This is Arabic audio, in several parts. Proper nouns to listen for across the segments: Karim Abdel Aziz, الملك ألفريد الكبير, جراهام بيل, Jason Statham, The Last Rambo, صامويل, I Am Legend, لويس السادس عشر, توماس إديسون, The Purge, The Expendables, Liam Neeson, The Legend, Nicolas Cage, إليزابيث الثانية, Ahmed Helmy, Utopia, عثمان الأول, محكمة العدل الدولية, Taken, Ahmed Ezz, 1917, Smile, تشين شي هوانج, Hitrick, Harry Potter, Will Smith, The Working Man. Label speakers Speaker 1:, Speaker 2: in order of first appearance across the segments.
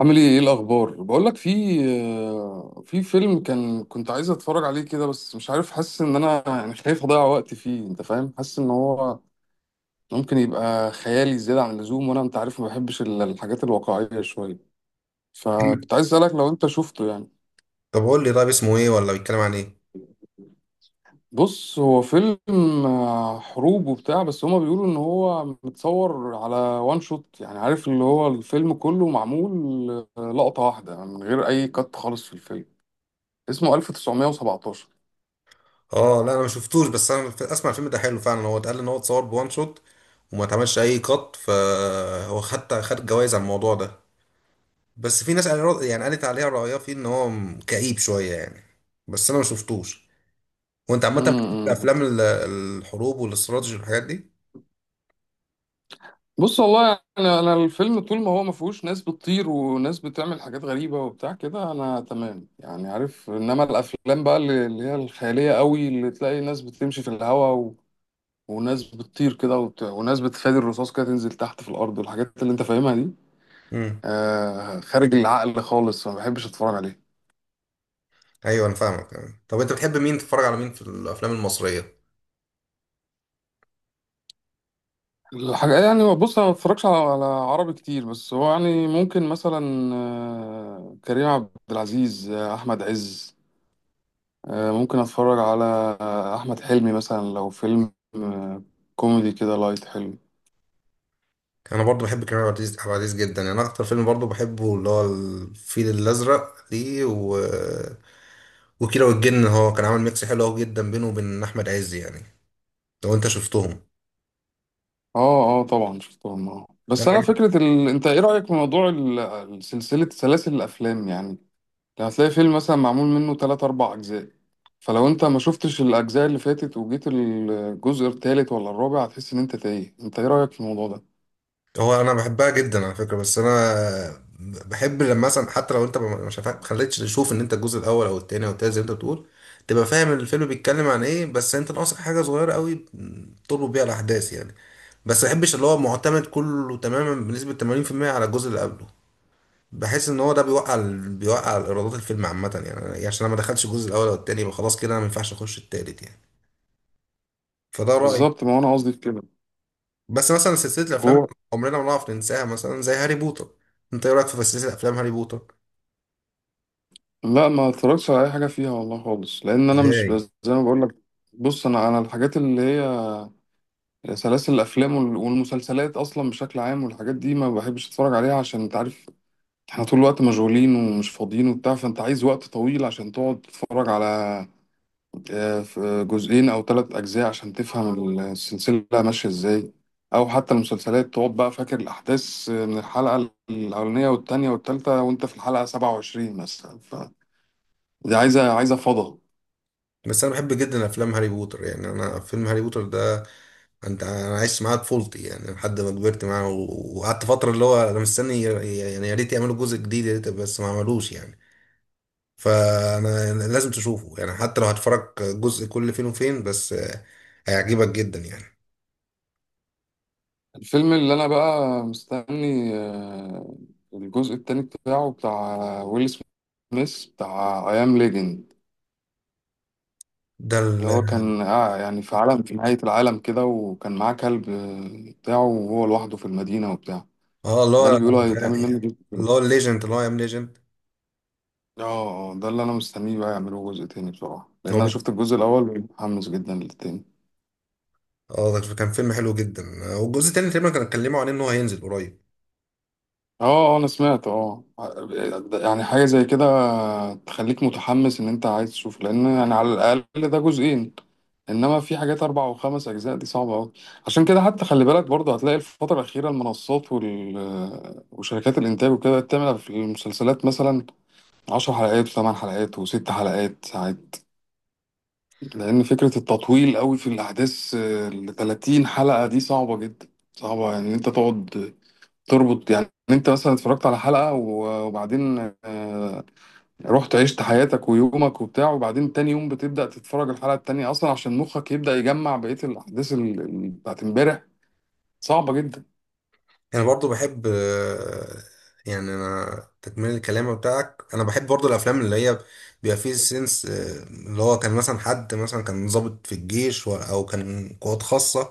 Speaker 1: عامل ايه الاخبار؟ بقول لك في في فيلم كان كنت عايز اتفرج عليه كده، بس مش عارف، حاسس ان انا يعني خايف اضيع وقت فيه، انت فاهم؟ حاسس ان هو ممكن يبقى خيالي زيادة عن اللزوم، وانا انت عارف ما بحبش الحاجات الواقعية شوية، فكنت عايز اسالك لو انت شفته يعني.
Speaker 2: طب قول لي طيب اسمه ايه ولا بيتكلم عن ايه؟
Speaker 1: بص، هو فيلم حروب وبتاع، بس هما بيقولوا ان هو متصور على وان شوت، يعني عارف اللي هو الفيلم كله معمول لقطة واحدة من غير اي كات خالص في الفيلم. اسمه 1917.
Speaker 2: اه لا انا ما شفتوش. بس انا اسمع الفيلم ده حلو فعلا، هو اتقال ان هو اتصور بوان شوت وما اتعملش اي قط، فهو حتى خد جوائز على الموضوع ده. بس في ناس يعني قالت عليها رأيها فيه ان هو كئيب شوية يعني. بس انا ما شفتوش. وانت عامة بتحب
Speaker 1: امم،
Speaker 2: افلام الحروب والاستراتيجي والحاجات دي؟
Speaker 1: بص والله انا الفيلم طول ما هو ما فيهوش ناس بتطير وناس بتعمل حاجات غريبه وبتاع كده، انا تمام يعني، عارف؟ انما الافلام بقى اللي هي الخياليه قوي، اللي تلاقي ناس بتمشي في الهواء وناس بتطير كده وناس بتفادي الرصاص كده تنزل تحت في الارض والحاجات اللي انت فاهمها دي،
Speaker 2: امم.
Speaker 1: آه، خارج العقل خالص، ما بحبش اتفرج عليه.
Speaker 2: ايوه انا فاهمك. طب انت بتحب مين، تتفرج على مين في الافلام المصرية؟
Speaker 1: الحاجة يعني، بص، أنا ما بتفرجش على عربي كتير، بس هو يعني ممكن مثلا كريم عبد العزيز، أحمد عز، ممكن اتفرج على احمد حلمي مثلا، لو فيلم كوميدي كده لايت حلو.
Speaker 2: انا برضو بحب كريم عبد العزيز عبد العزيز جدا يعني. أنا اكتر فيلم برضو بحبه اللي هو الفيل الازرق ليه، و... وكيرة والجن. هو كان عامل ميكس حلو قوي جدا بينه وبين احمد عز يعني، لو انت شفتهم.
Speaker 1: اه اه، طبعا شفتهم، اه. بس
Speaker 2: انا
Speaker 1: انا
Speaker 2: عجب-
Speaker 1: فكره انت ايه رايك في موضوع سلسله سلاسل الافلام يعني؟ هتلاقي فيلم مثلا معمول منه 3 4 اجزاء، فلو انت ما شفتش الاجزاء اللي فاتت وجيت الجزء الثالث ولا الرابع، هتحس ان انت تايه. انت ايه رايك في الموضوع ده؟
Speaker 2: هو انا بحبها جدا على فكره، بس انا بحب لما مثلا حتى لو انت ما مش هفا- خليتش تشوف ان انت الجزء الاول او التاني او التالت زي ما انت بتقول، تبقى فاهم الفيلم بيتكلم عن ايه، بس انت ناقصك حاجه صغيره قوي تربط بيها الاحداث يعني. بس ما بحبش اللي هو معتمد كله تماما بنسبه 80% على الجزء اللي قبله. بحس ان هو ده بيوقع ايرادات الفيلم عامه يعني، يعني عشان انا ما دخلتش الجزء الاول او التاني يبقى خلاص كده انا ما ينفعش اخش التالت يعني. فده رايي.
Speaker 1: بالظبط، ما هو انا قصدي في كده.
Speaker 2: بس مثلا سلسله الافلام
Speaker 1: هو
Speaker 2: عمرنا ما نعرف ننساها، مثلا زي هاري بوتر. انت ايه رايك في سلسله افلام هاري بوتر؟
Speaker 1: لا، ما اتفرجتش على اي حاجه فيها والله خالص، لان انا مش،
Speaker 2: ازاي؟
Speaker 1: بس زي ما بقول لك، بص، انا الحاجات اللي هي سلاسل الافلام والمسلسلات اصلا بشكل عام والحاجات دي، ما بحبش اتفرج عليها، عشان انت عارف احنا طول الوقت مشغولين ومش فاضيين وبتاع، فانت عايز وقت طويل عشان تقعد تتفرج على جزئين او ثلاث اجزاء عشان تفهم السلسله ماشيه ازاي، او حتى المسلسلات تقعد بقى فاكر الاحداث من الحلقه الاولانيه والتانيه والتالته وانت في الحلقه 27 مثلا، فدي عايزه فضا.
Speaker 2: بس انا بحب جدا افلام هاري بوتر يعني. انا فيلم هاري بوتر ده انا عشت معاه طفولتي يعني، لحد ما كبرت معاه، و- وقعدت فتره اللي هو انا مستني يعني يا ريت يعملوا جزء جديد يا ريت، بس ما عملوش يعني. فانا لازم تشوفه يعني، حتى لو هتفرج جزء كل فين وفين، بس هيعجبك جدا يعني.
Speaker 1: الفيلم اللي انا بقى مستني الجزء التاني بتاعه، بتاع ويل سميث، بتاع اي ام ليجند،
Speaker 2: ده ال
Speaker 1: اللي هو كان آه يعني في عالم، في نهاية العالم كده، وكان معاه كلب بتاعه، وهو لوحده في المدينة وبتاع،
Speaker 2: اه اللي
Speaker 1: ده
Speaker 2: هو،
Speaker 1: اللي بيقولوا هيتعمل منه جزء تاني.
Speaker 2: اللي هو الليجند، اللي هو ام ليجند.
Speaker 1: اه، ده اللي انا مستنيه بقى يعملوه جزء تاني بصراحة، لان
Speaker 2: هو
Speaker 1: انا
Speaker 2: بي-
Speaker 1: شفت الجزء الاول ومتحمس جدا للتاني.
Speaker 2: اه ده كان فيلم حلو جدا. والجزء التاني تقريبا كانوا اتكلموا عن ان هو هينزل قريب.
Speaker 1: اه، انا سمعت، اه، يعني حاجه زي كده تخليك متحمس ان انت عايز تشوف، لان يعني على الاقل ده جزئين، انما في حاجات اربع وخمس اجزاء دي صعبه قوي. عشان كده حتى خلي بالك برضه، هتلاقي الفتره الاخيره المنصات وشركات الانتاج وكده بقت تعمل في المسلسلات مثلا عشر حلقات وثمان حلقات وست حلقات ساعات، لان فكره التطويل قوي في الاحداث ل 30 حلقه دي صعبه جدا. صعبه ان يعني انت تقعد تربط، يعني انت مثلا اتفرجت على حلقة وبعدين رحت عشت حياتك ويومك وبتاع، وبعدين تاني يوم بتبدأ تتفرج الحلقة التانية، اصلا عشان مخك يبدأ يجمع بقية الاحداث بتاعت امبارح، صعبة جدا.
Speaker 2: انا برضو بحب، يعني انا تكمله الكلام بتاعك، انا بحب برضو الافلام اللي هي بيبقى فيه سنس، اللي هو كان مثلا حد مثلا كان ضابط في الجيش، او كان قوات خاصه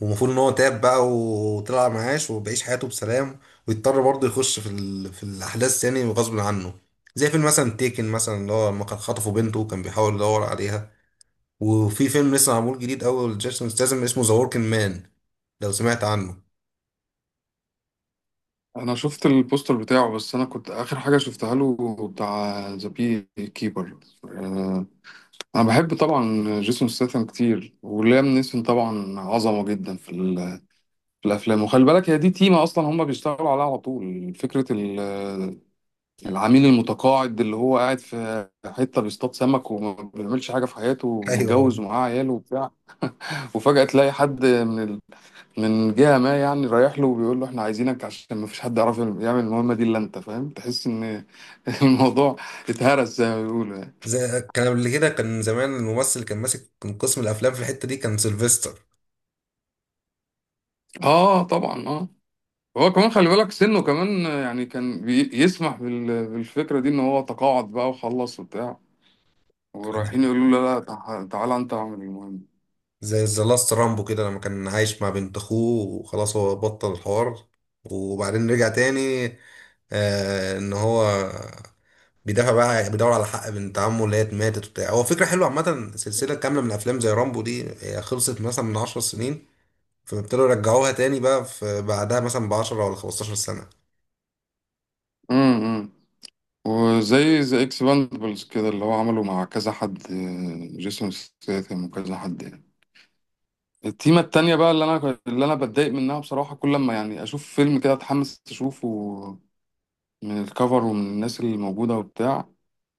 Speaker 2: ومفروض ان هو تاب بقى وطلع معاش وبيعيش حياته بسلام، ويضطر برضو يخش في في الاحداث يعني غصب عنه. زي فيلم مثلا تيكن مثلا اللي هو لما كان خطفوا بنته وكان بيحاول يدور عليها. وفي فيلم لسه معمول جديد اول جيسون ستاثام اسمه ذا وركينج مان، لو سمعت عنه.
Speaker 1: انا شفت البوستر بتاعه، بس انا كنت اخر حاجة شفتها له بتاع ذا بي كيبر. انا بحب طبعا جيسون ستاثام كتير، وليام نيسون طبعا عظمة جدا في في الافلام. وخلي بالك هي دي تيمة اصلا هم بيشتغلوا عليها على طول، فكرة العميل المتقاعد اللي هو قاعد في حتة بيصطاد سمك وما بيعملش حاجة في حياته
Speaker 2: ايوه،
Speaker 1: ومتجوز ومعاه عياله وبتاع، وفجأة تلاقي حد من من جهة ما يعني رايح له، وبيقول له احنا عايزينك عشان ما فيش حد يعرف يعمل المهمة دي الا انت، فاهم؟ تحس ان الموضوع اتهرس زي ما بيقولوا يعني.
Speaker 2: زي كان قبل كده، كان زمان الممثل اللي كان ماسك، كان قسم الافلام في الحته دي كان سيلفستر.
Speaker 1: اه طبعا، اه. هو كمان خلي بالك سنه كمان، يعني كان يسمح بالفكرة دي ان هو تقاعد بقى وخلص وبتاع،
Speaker 2: كان
Speaker 1: ورايحين يقولوا له لا لا، تعالى انت اعمل المهمة.
Speaker 2: زي ذا لاست رامبو كده لما كان عايش مع بنت اخوه وخلاص هو بطل الحوار، وبعدين رجع تاني. آه ان هو بيدافع بقى، بيدور على حق بنت عمه اللي هي ماتت وبتاع. هو فكره حلوه عامه سلسله كامله من افلام زي رامبو دي، هي خلصت مثلا من 10 سنين فابتدوا يرجعوها تاني بقى في بعدها مثلا ب 10 ولا 15 سنه.
Speaker 1: إمم. وزي اكسباندبلز كده اللي هو عمله مع كذا حد، جيسون ستاثام وكذا حد يعني. التيمة التانية بقى اللي انا بتضايق منها بصراحة، كل ما يعني اشوف فيلم كده اتحمس اشوفه من الكفر ومن الناس اللي موجودة وبتاع،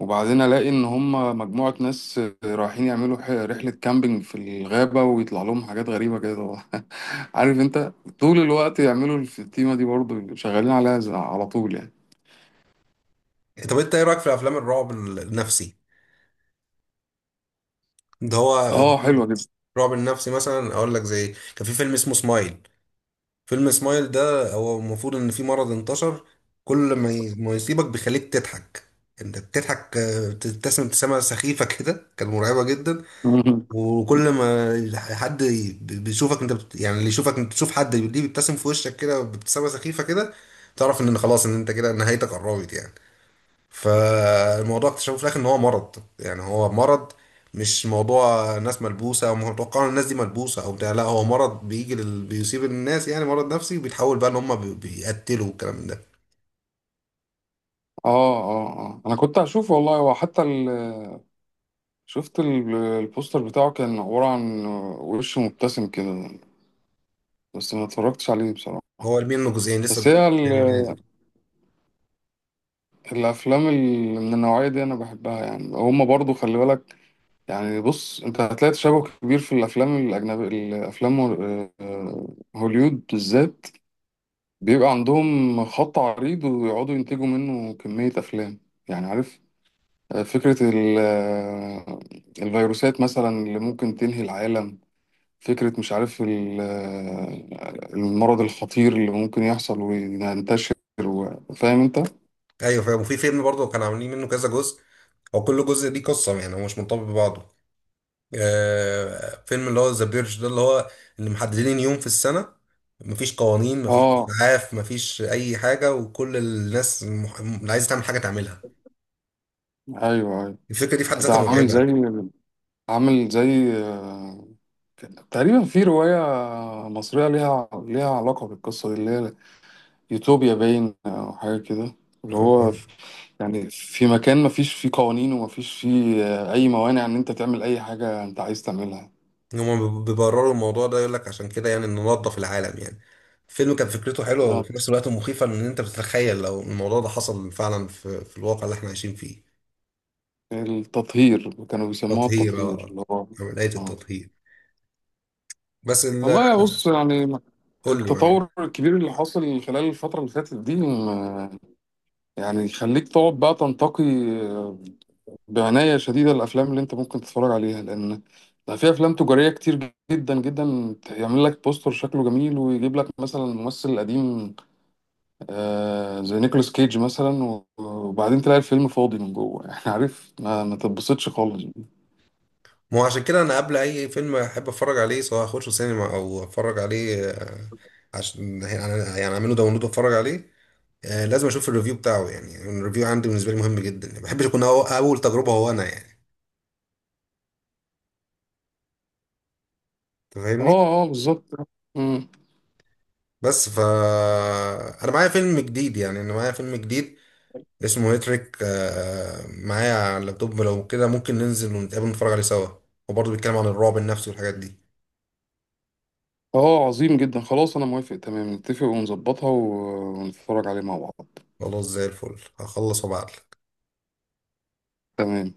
Speaker 1: وبعدين الاقي ان هم مجموعة ناس رايحين يعملوا رحلة كامبينج في الغابة، ويطلع لهم حاجات غريبة كده عارف انت، طول الوقت يعملوا التيمة دي برضه شغالين عليها على طول يعني.
Speaker 2: طب انت ايه رايك في افلام الرعب النفسي؟ ده هو
Speaker 1: اه حلوة
Speaker 2: رعب النفسي مثلا، اقول لك زي كان في فيلم اسمه سمايل. فيلم سمايل ده هو المفروض ان في مرض انتشر كل ما يصيبك بيخليك تضحك. انت بتضحك، بتبتسم ابتسامه سخيفه كده، كانت مرعبه جدا.
Speaker 1: جدا
Speaker 2: وكل ما بيشوفك انت يعني اللي يشوفك، انت تشوف حد ليه بيبتسم في وشك كده بابتسامه سخيفه كده، تعرف ان خلاص ان انت كده نهايتك قربت يعني. فالموضوع اكتشفوا في الاخر ان هو مرض، يعني هو مرض، مش موضوع ناس ملبوسه او متوقع ان الناس دي ملبوسه او بتاع. لا هو مرض بيجي بيصيب الناس يعني، مرض نفسي وبيتحول بقى ان هم بيقتلوا والكلام من ده.
Speaker 1: اه اه اه، انا كنت هشوفه والله. هو حتى شفت البوستر بتاعه، كان عبارة عن وش مبتسم كده، بس ما اتفرجتش عليه بصراحة.
Speaker 2: هو عاملين منه جزئين لسه،
Speaker 1: بس
Speaker 2: الجزء
Speaker 1: هي
Speaker 2: الثاني نازل.
Speaker 1: الافلام اللي من النوعية دي انا بحبها يعني. هما برضو خلي بالك، يعني بص، انت هتلاقي تشابه كبير في الافلام الاجنبي، الافلام هوليود بالذات بيبقى عندهم خط عريض ويقعدوا ينتجوا منه كمية افلام، يعني عارف، فكرة الفيروسات مثلا اللي ممكن تنهي العالم، فكرة مش عارف المرض الخطير اللي ممكن يحصل وينتشر، فاهم انت؟
Speaker 2: ايوه فاهم. وفي فيلم برضه كانوا عاملين منه كذا جزء، هو كل جزء ليه قصه يعني، هو مش منطبق ببعضه. فيلم اللي هو ذا بيرج ده، اللي هو اللي محددين يوم في السنة مفيش قوانين، مفيش
Speaker 1: اه
Speaker 2: إسعاف، مفيش أي حاجة، وكل الناس اللي عايزة تعمل حاجة تعملها.
Speaker 1: ايوه ايوه.
Speaker 2: الفكرة دي في حد
Speaker 1: ده
Speaker 2: ذاتها
Speaker 1: عامل زي
Speaker 2: مرعبة.
Speaker 1: عامل زي آه، تقريبا في رواية مصرية ليها علاقة بالقصة دي، اللي هي يوتوبيا باين أو حاجة كده، اللي هو يعني في مكان مفيش فيه قوانين ومفيش فيه أي موانع إن أنت تعمل أي حاجة أنت عايز تعملها.
Speaker 2: هما بيبرروا الموضوع ده يقول لك عشان كده يعني ننظف العالم يعني. الفيلم كان فكرته حلوة
Speaker 1: آه،
Speaker 2: وفي نفس الوقت مخيفة إن أنت بتتخيل لو الموضوع ده حصل فعلا في, الواقع اللي إحنا عايشين فيه.
Speaker 1: التطهير، كانوا بيسموها
Speaker 2: تطهير،
Speaker 1: التطهير اللي هو
Speaker 2: عملية
Speaker 1: آه.
Speaker 2: التطهير. بس ال-
Speaker 1: والله يا بص يعني
Speaker 2: قول لي
Speaker 1: التطور
Speaker 2: معايا.
Speaker 1: الكبير اللي حاصل خلال الفترة اللي فاتت دي يعني يخليك تقعد بقى تنتقي آه، بعناية شديدة الأفلام اللي أنت ممكن تتفرج عليها، لأن بقى في أفلام تجارية كتير جدا جدا، يعمل لك بوستر شكله جميل ويجيب لك مثلا ممثل قديم زي نيكولاس كيج مثلا، وبعدين تلاقي الفيلم فاضي من جوه يعني عارف، ما تتبسطش خالص.
Speaker 2: ما هو عشان كده انا قبل اي فيلم احب اتفرج عليه، سواء اخشه سينما او اتفرج عليه، عشان يعني يعني اعمله داونلود واتفرج عليه، لازم اشوف الريفيو بتاعه. يعني الريفيو عندي بالنسبه لي مهم جدا، ما بحبش اكون اول تجربه هو انا يعني، أنت فاهمني.
Speaker 1: اه اه بالظبط. مم.
Speaker 2: بس ف انا معايا فيلم جديد، يعني انا معايا فيلم جديد اسمه هيتريك، معايا على اللابتوب. لو كده ممكن ننزل ونتقابل نتفرج عليه سوا، وبرضه بيتكلم عن الرعب النفسي والحاجات دي.
Speaker 1: اه عظيم جدا، خلاص انا موافق تمام، نتفق ونظبطها ونتفرج عليه مع بعض.
Speaker 2: خلاص زي الفل، هخلص وابعتلك.
Speaker 1: تمام.